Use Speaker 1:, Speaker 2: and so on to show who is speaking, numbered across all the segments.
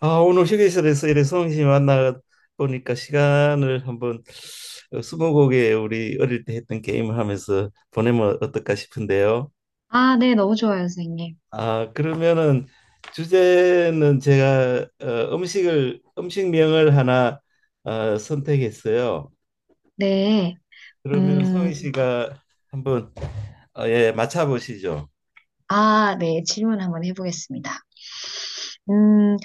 Speaker 1: 아, 오늘 휴게실에서 이래 성희 씨 만나 보니까 시간을 한번 스무고개 우리 어릴 때 했던 게임을 하면서 보내면 어떨까 싶은데요.
Speaker 2: 아, 네, 너무 좋아요, 선생님.
Speaker 1: 아, 그러면은 주제는 제가 음식을 음식명을 하나 선택했어요.
Speaker 2: 네.
Speaker 1: 그러면
Speaker 2: 음,
Speaker 1: 성희 씨가 한번 어, 예, 맞춰 보시죠.
Speaker 2: 아, 네, 질문 한번 해보겠습니다. 음,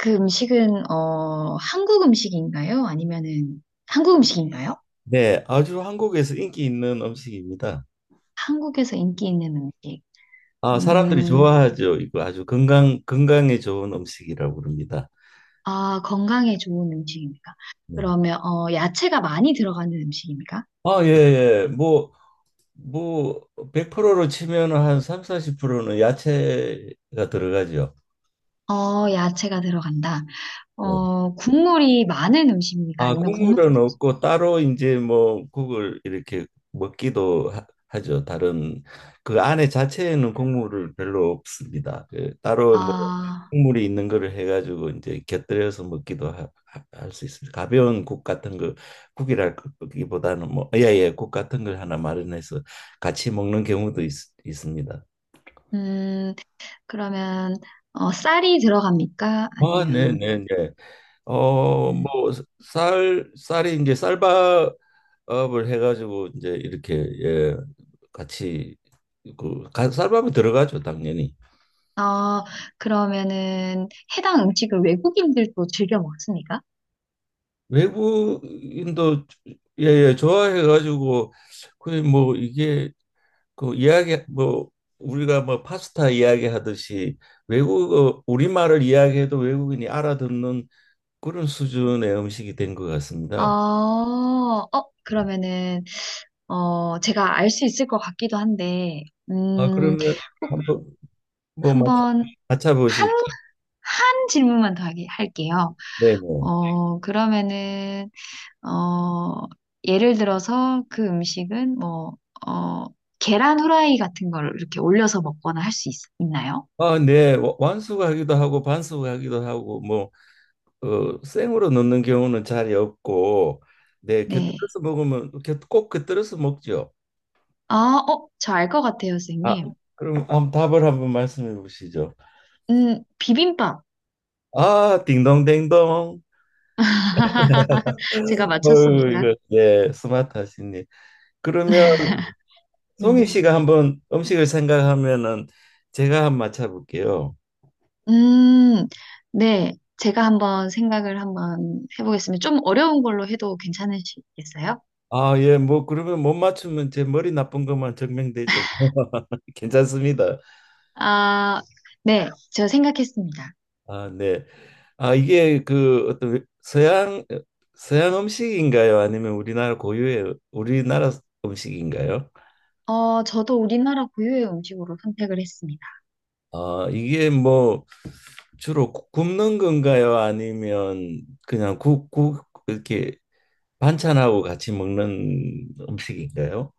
Speaker 2: 그 음식은, 한국 음식인가요? 아니면은, 한국 음식인가요?
Speaker 1: 네, 아주 한국에서 인기 있는 음식입니다.
Speaker 2: 한국에서 인기 있는 음식.
Speaker 1: 아, 사람들이
Speaker 2: 음,
Speaker 1: 좋아하죠. 이거 아주 건강에 좋은 음식이라고 그럽니다.
Speaker 2: 아, 건강에 좋은 음식입니까?
Speaker 1: 네.
Speaker 2: 그러면, 야채가 많이 들어가는 음식입니까?
Speaker 1: 아, 예, 예. 뭐, 뭐, 100%로 치면 한 3, 40%는 야채가 들어가죠.
Speaker 2: 야채가 들어간다.
Speaker 1: 네.
Speaker 2: 국물이 많은 음식입니까?
Speaker 1: 아,
Speaker 2: 아니면 국물,
Speaker 1: 국물은 없고 따로 이제 뭐 국을 이렇게 먹기도 하죠. 다른 그 안에 자체에는 국물을 별로 없습니다. 그 따로 뭐
Speaker 2: 아,
Speaker 1: 국물이 있는 거를 해가지고 이제 곁들여서 먹기도 할 수 있습니다. 가벼운 국 같은 거 국이라기보다는 뭐 예예 국 같은 걸 하나 마련해서 같이 먹는 경우도 있습니다.
Speaker 2: 음, 그러면 쌀이 들어갑니까?
Speaker 1: 아, 네,
Speaker 2: 아니면
Speaker 1: 네, 네. 어, 뭐
Speaker 2: 음,
Speaker 1: 쌀이 이제 쌀밥을 해가지고 이제 이렇게 예, 같이 쌀밥이 들어가죠, 당연히.
Speaker 2: 어, 그러면은 해당 음식을 외국인들도 즐겨 먹습니까?
Speaker 1: 외국인도 예, 예, 좋아해가지고 그 뭐 이게 그 이야기 뭐 우리가 뭐 파스타 이야기하듯이 외국어 우리말을 이야기해도 외국인이 알아듣는 그런 수준의 음식이 된 것 같습니다.
Speaker 2: 어. 그러면은 제가 알 수 있을 것 같기도 한데.
Speaker 1: 아,
Speaker 2: 음,
Speaker 1: 그러면 한번 뭐
Speaker 2: 한번
Speaker 1: 맞춰
Speaker 2: 한,
Speaker 1: 보시죠.
Speaker 2: 한 질문만 더 하게 할게요.
Speaker 1: 네네.
Speaker 2: 그러면은 어, 예를 들어서 그 음식은 뭐 어, 계란 후라이 같은 걸 이렇게 올려서 먹거나 할 수 있나요?
Speaker 1: 아, 네. 완숙하기도 하고 반숙하기도 하고 뭐 생으로 넣는 경우는 잘 없고 네,
Speaker 2: 네.
Speaker 1: 곁들여서 먹으면 꼭 곁들여서 먹죠.
Speaker 2: 아, 저 알 것 같아요,
Speaker 1: 아,
Speaker 2: 선생님.
Speaker 1: 그럼 한번 답을 한번 말씀해 보시죠.
Speaker 2: 비빔밥.
Speaker 1: 아, 딩동댕동.
Speaker 2: 제가
Speaker 1: 어유
Speaker 2: 맞췄습니까?
Speaker 1: 이거 예, 스마트하시니. 그러면 송희
Speaker 2: 음.
Speaker 1: 씨가 한번 음식을 생각하면은 제가 한번 맞춰볼게요.
Speaker 2: 음, 네. 제가 한번 생각을 한번 해보겠습니다. 좀 어려운 걸로 해도 괜찮으시겠어요?
Speaker 1: 아, 예, 뭐 그러면 못 맞추면 제 머리 나쁜 것만 증명되죠. 괜찮습니다.
Speaker 2: 아, 네. 저 생각했습니다.
Speaker 1: 아, 네. 아, 이게 그 어떤 서양 음식인가요? 아니면 우리나라 고유의 우리나라 음식인가요?
Speaker 2: 저도 우리나라 고유의 음식으로 선택을 했습니다.
Speaker 1: 아, 이게 뭐 주로 굽는 건가요? 아니면 그냥 국 이렇게 반찬하고 같이 먹는 음식인가요?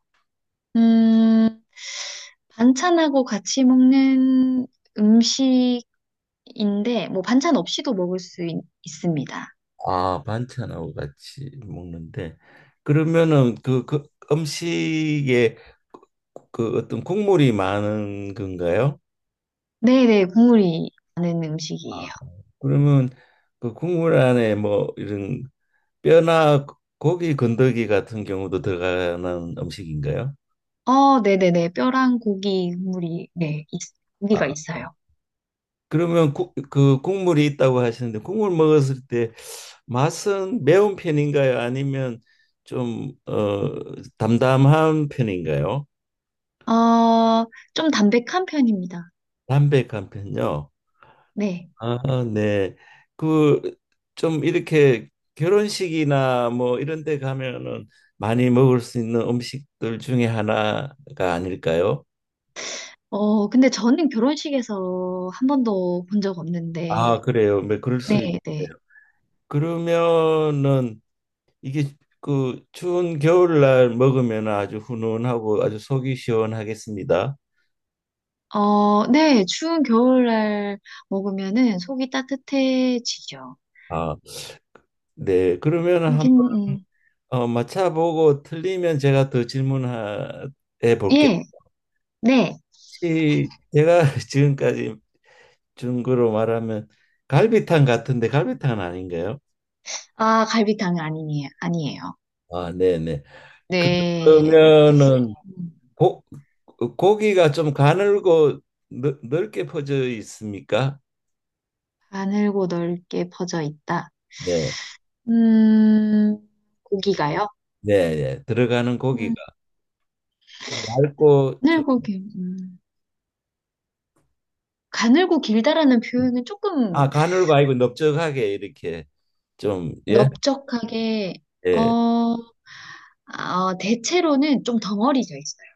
Speaker 2: 음, 반찬하고 같이 먹는 음식인데, 뭐, 반찬 없이도 먹을 수 있습니다.
Speaker 1: 아, 반찬하고 같이 먹는데 그러면은 그 음식에 그 그 어떤 국물이 많은 건가요?
Speaker 2: 네네, 국물이 나는 음식이에요.
Speaker 1: 그러면 그 국물 안에 뭐 이런 뼈나 고기 건더기 같은 경우도 들어가는 음식인가요?
Speaker 2: 어, 네네네, 뼈랑 고기 국물이, 네,
Speaker 1: 아,
Speaker 2: 고기가 있어요.
Speaker 1: 그러면 국, 그 국물이 있다고 하시는데 국물 먹었을 때 맛은 매운 편인가요? 아니면 좀 담담한 편인가요?
Speaker 2: 어, 좀 담백한 편입니다.
Speaker 1: 담백한 편요?
Speaker 2: 네.
Speaker 1: 아, 네. 그 좀 이렇게 결혼식이나 뭐 이런 데 가면은 많이 먹을 수 있는 음식들 중에 하나가 아닐까요?
Speaker 2: 어, 근데 저는 결혼식에서 한 번도 본 적 없는데.
Speaker 1: 아, 그래요. 뭐 그럴 수 있네요.
Speaker 2: 네네.
Speaker 1: 그러면은 이게 그 추운 겨울날 먹으면 아주 훈훈하고 아주 속이 시원하겠습니다.
Speaker 2: 어, 네, 추운 겨울날 먹으면은 속이 따뜻해지죠.
Speaker 1: 아, 네. 그러면은 한번
Speaker 2: 긴, 음,
Speaker 1: 맞춰보고 틀리면 제가 더 질문해 볼게요.
Speaker 2: 예. 네.
Speaker 1: 혹시 제가 지금까지 중국으로 말하면 갈비탕 같은데 갈비탕은 아닌가요?
Speaker 2: 아, 갈비탕 아니에요. 아니에요.
Speaker 1: 아, 네네.
Speaker 2: 네.
Speaker 1: 그러면은
Speaker 2: 음.
Speaker 1: 고, 고기가 좀 가늘고 넓게 퍼져 있습니까?
Speaker 2: 가늘고 넓게 퍼져 있다.
Speaker 1: 네,
Speaker 2: 음, 고기가요?
Speaker 1: 네, 네. 들어가는 고기가
Speaker 2: 음.
Speaker 1: 얇고 좀,
Speaker 2: 가늘고 길, 음. 가늘고 길다라는 표현은 조금
Speaker 1: 아, 가늘고 아니고 넓적하게 이렇게 좀, 예,
Speaker 2: 넓적하게,
Speaker 1: 예.
Speaker 2: 어, 아, 대체로는 좀 덩어리져 있어요.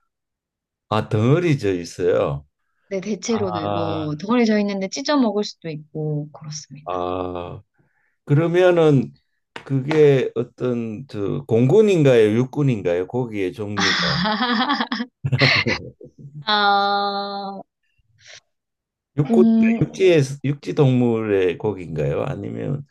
Speaker 1: 아, 덩어리져 있어요.
Speaker 2: 네, 대체로는
Speaker 1: 아,
Speaker 2: 뭐, 덩어리져 있는데 찢어 먹을 수도 있고, 그렇습니다.
Speaker 1: 아, 그러면은 그게 어떤 저 공군인가요? 육군인가요? 고기의 종류가.
Speaker 2: 아,
Speaker 1: 육고
Speaker 2: 공,
Speaker 1: 육지에 육지 동물의 고기인가요? 아니면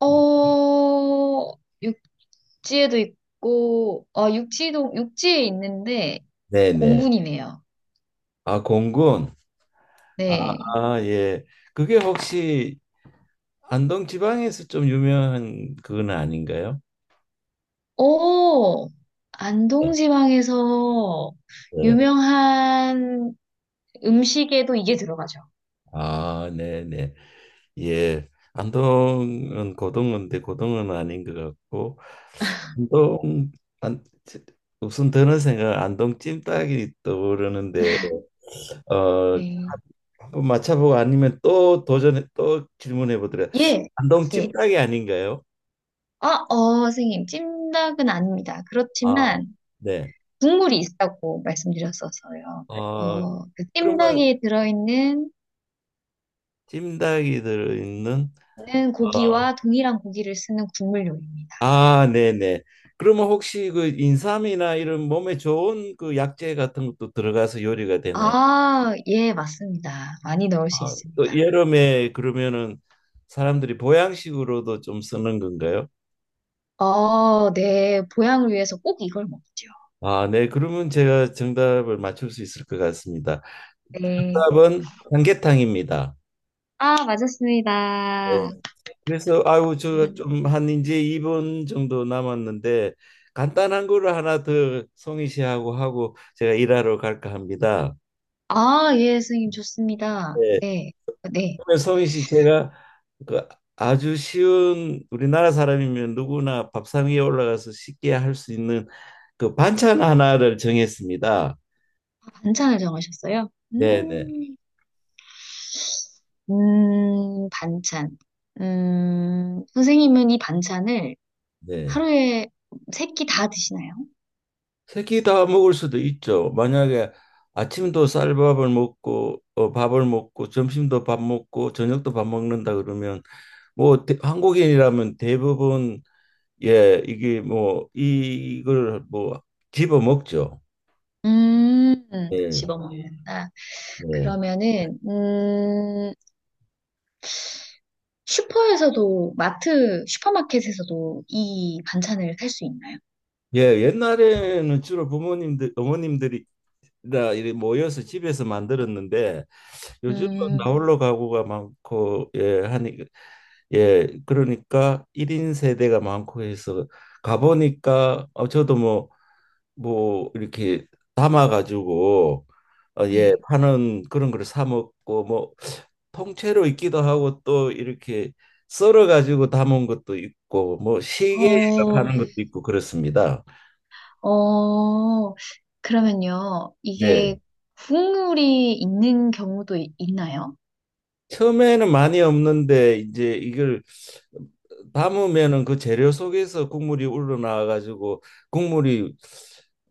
Speaker 2: 어, 육지에도 있고, 어, 육지에 있는데,
Speaker 1: 네네.
Speaker 2: 공군이네요.
Speaker 1: 아 공군. 아,
Speaker 2: 네.
Speaker 1: 아, 예. 그게 혹시 안동 지방에서 좀 유명한 그건 아닌가요?
Speaker 2: 오,
Speaker 1: 네.
Speaker 2: 안동지방에서
Speaker 1: 네.
Speaker 2: 유명한 음식에도 이게 들어가죠.
Speaker 1: 아 네네. 예. 안동은 고등어인데 고등어는 아닌 것 같고 안동 안 무슨 드는 생각 안동 찜닭이 떠오르는데 어
Speaker 2: 네.
Speaker 1: 한번 맞춰보고 아니면 또 도전해 또 질문해 보더라.
Speaker 2: 예,
Speaker 1: 안동
Speaker 2: 예.
Speaker 1: 찜닭이 아닌가요?
Speaker 2: 아, 어, 선생님, 찜닭은 아닙니다.
Speaker 1: 아,
Speaker 2: 그렇지만
Speaker 1: 네.
Speaker 2: 국물이 있다고 말씀드렸었어요.
Speaker 1: 어,
Speaker 2: 그래서 그
Speaker 1: 그러면
Speaker 2: 찜닭에 들어있는
Speaker 1: 찜닭이 들어있는
Speaker 2: 는
Speaker 1: 어,
Speaker 2: 고기와 동일한 고기를 쓰는 국물 요리입니다.
Speaker 1: 아, 네네. 그러면 혹시 그 인삼이나 이런 몸에 좋은 그 약재 같은 것도 들어가서 요리가 되나요?
Speaker 2: 아, 예, 맞습니다. 많이 넣을 수
Speaker 1: 아,
Speaker 2: 있습니다.
Speaker 1: 또 여름에 그러면은 사람들이 보양식으로도 좀 쓰는 건가요?
Speaker 2: 어, 네, 보양을 위해서 꼭 이걸 먹죠.
Speaker 1: 아, 네. 그러면 제가 정답을 맞출 수 있을 것 같습니다.
Speaker 2: 네.
Speaker 1: 정답은 삼계탕입니다.
Speaker 2: 아, 맞았습니다.
Speaker 1: 그래서 아유 저 좀 한 이제 2분 정도 남았는데 간단한 거를 하나 더 송희 씨하고 하고 제가 일하러 갈까 합니다.
Speaker 2: 아, 예, 선생님, 좋습니다.
Speaker 1: 네.
Speaker 2: 네. 네.
Speaker 1: 그러면 송희 씨 제가 그 아주 쉬운 우리나라 사람이면 누구나 밥상 위에 올라가서 쉽게 할 수 있는 그 반찬 하나를 정했습니다.
Speaker 2: 반찬을 정하셨어요?
Speaker 1: 네, 네,
Speaker 2: 음. 반찬. 선생님은 이 반찬을
Speaker 1: 네.
Speaker 2: 하루에 세끼 다 드시나요?
Speaker 1: 세끼 다 먹을 수도 있죠. 만약에 아침도 쌀밥을 먹고 밥을 먹고 점심도 밥 먹고 저녁도 밥 먹는다 그러면 뭐 한국인이라면 대부분 예 이게 뭐 이걸 뭐 집어 먹죠.
Speaker 2: 음,
Speaker 1: 예.
Speaker 2: 집어 먹는다.
Speaker 1: 예.
Speaker 2: 그러면은, 슈퍼에서도, 마트, 슈퍼마켓에서도 이 반찬을 살 수 있나요?
Speaker 1: 예, 옛날에는 주로 부모님들 어머님들이 다 이렇게 모여서 집에서 만들었는데 요즘은
Speaker 2: 음,
Speaker 1: 나홀로 가구가 많고 예 하니 예, 그러니까 1인 세대가 많고 해서 가보니까 저도 뭐, 뭐 이렇게 담아가지고 어, 예,
Speaker 2: 네.
Speaker 1: 파는 그런 걸 사 먹고 뭐 통째로 있기도 하고 또 이렇게 썰어가지고 담은 것도 있고 뭐 시계
Speaker 2: 어,
Speaker 1: 파는 것도 있고 그렇습니다.
Speaker 2: 어, 그러면요.
Speaker 1: 네.
Speaker 2: 이게 국물이 있는 경우도 이- 있나요?
Speaker 1: 처음에는 많이 없는데 이제 이걸 담으면은 그 재료 속에서 국물이 우러나와 가지고 국물이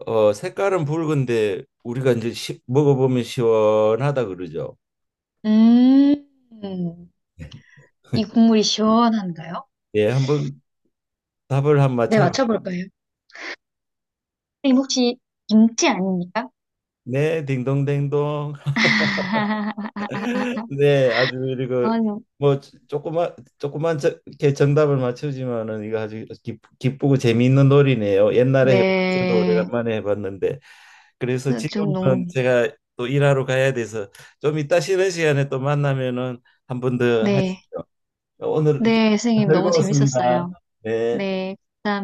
Speaker 1: 어 색깔은 붉은데 우리가 이제 먹어보면 시원하다 그러죠.
Speaker 2: 음, 이 국물이 시원한가요?
Speaker 1: 예, 한번 답을 한
Speaker 2: 네,
Speaker 1: 맞춰.
Speaker 2: 맞춰볼까요? 선생님 혹시 김치 아닙니까?
Speaker 1: 네, 딩동댕동. 네, 아주 그리고
Speaker 2: 아, 좀-
Speaker 1: 뭐 조그만 저- 이렇게 정답을 맞추지만은 이거 아주 기쁘고 재미있는 놀이네요. 옛날에 해봤어도
Speaker 2: 네.
Speaker 1: 오래간만에 해봤는데 그래서
Speaker 2: 좀
Speaker 1: 지금은
Speaker 2: 너무,
Speaker 1: 제가 또 일하러 가야 돼서 좀 이따 쉬는 시간에 또 만나면은 한 번 더
Speaker 2: 네.
Speaker 1: 하시죠. 오늘 이제
Speaker 2: 네, 선생님 너무
Speaker 1: 즐거웠습니다.
Speaker 2: 재밌었어요.
Speaker 1: 네.
Speaker 2: 네. 감사합니다.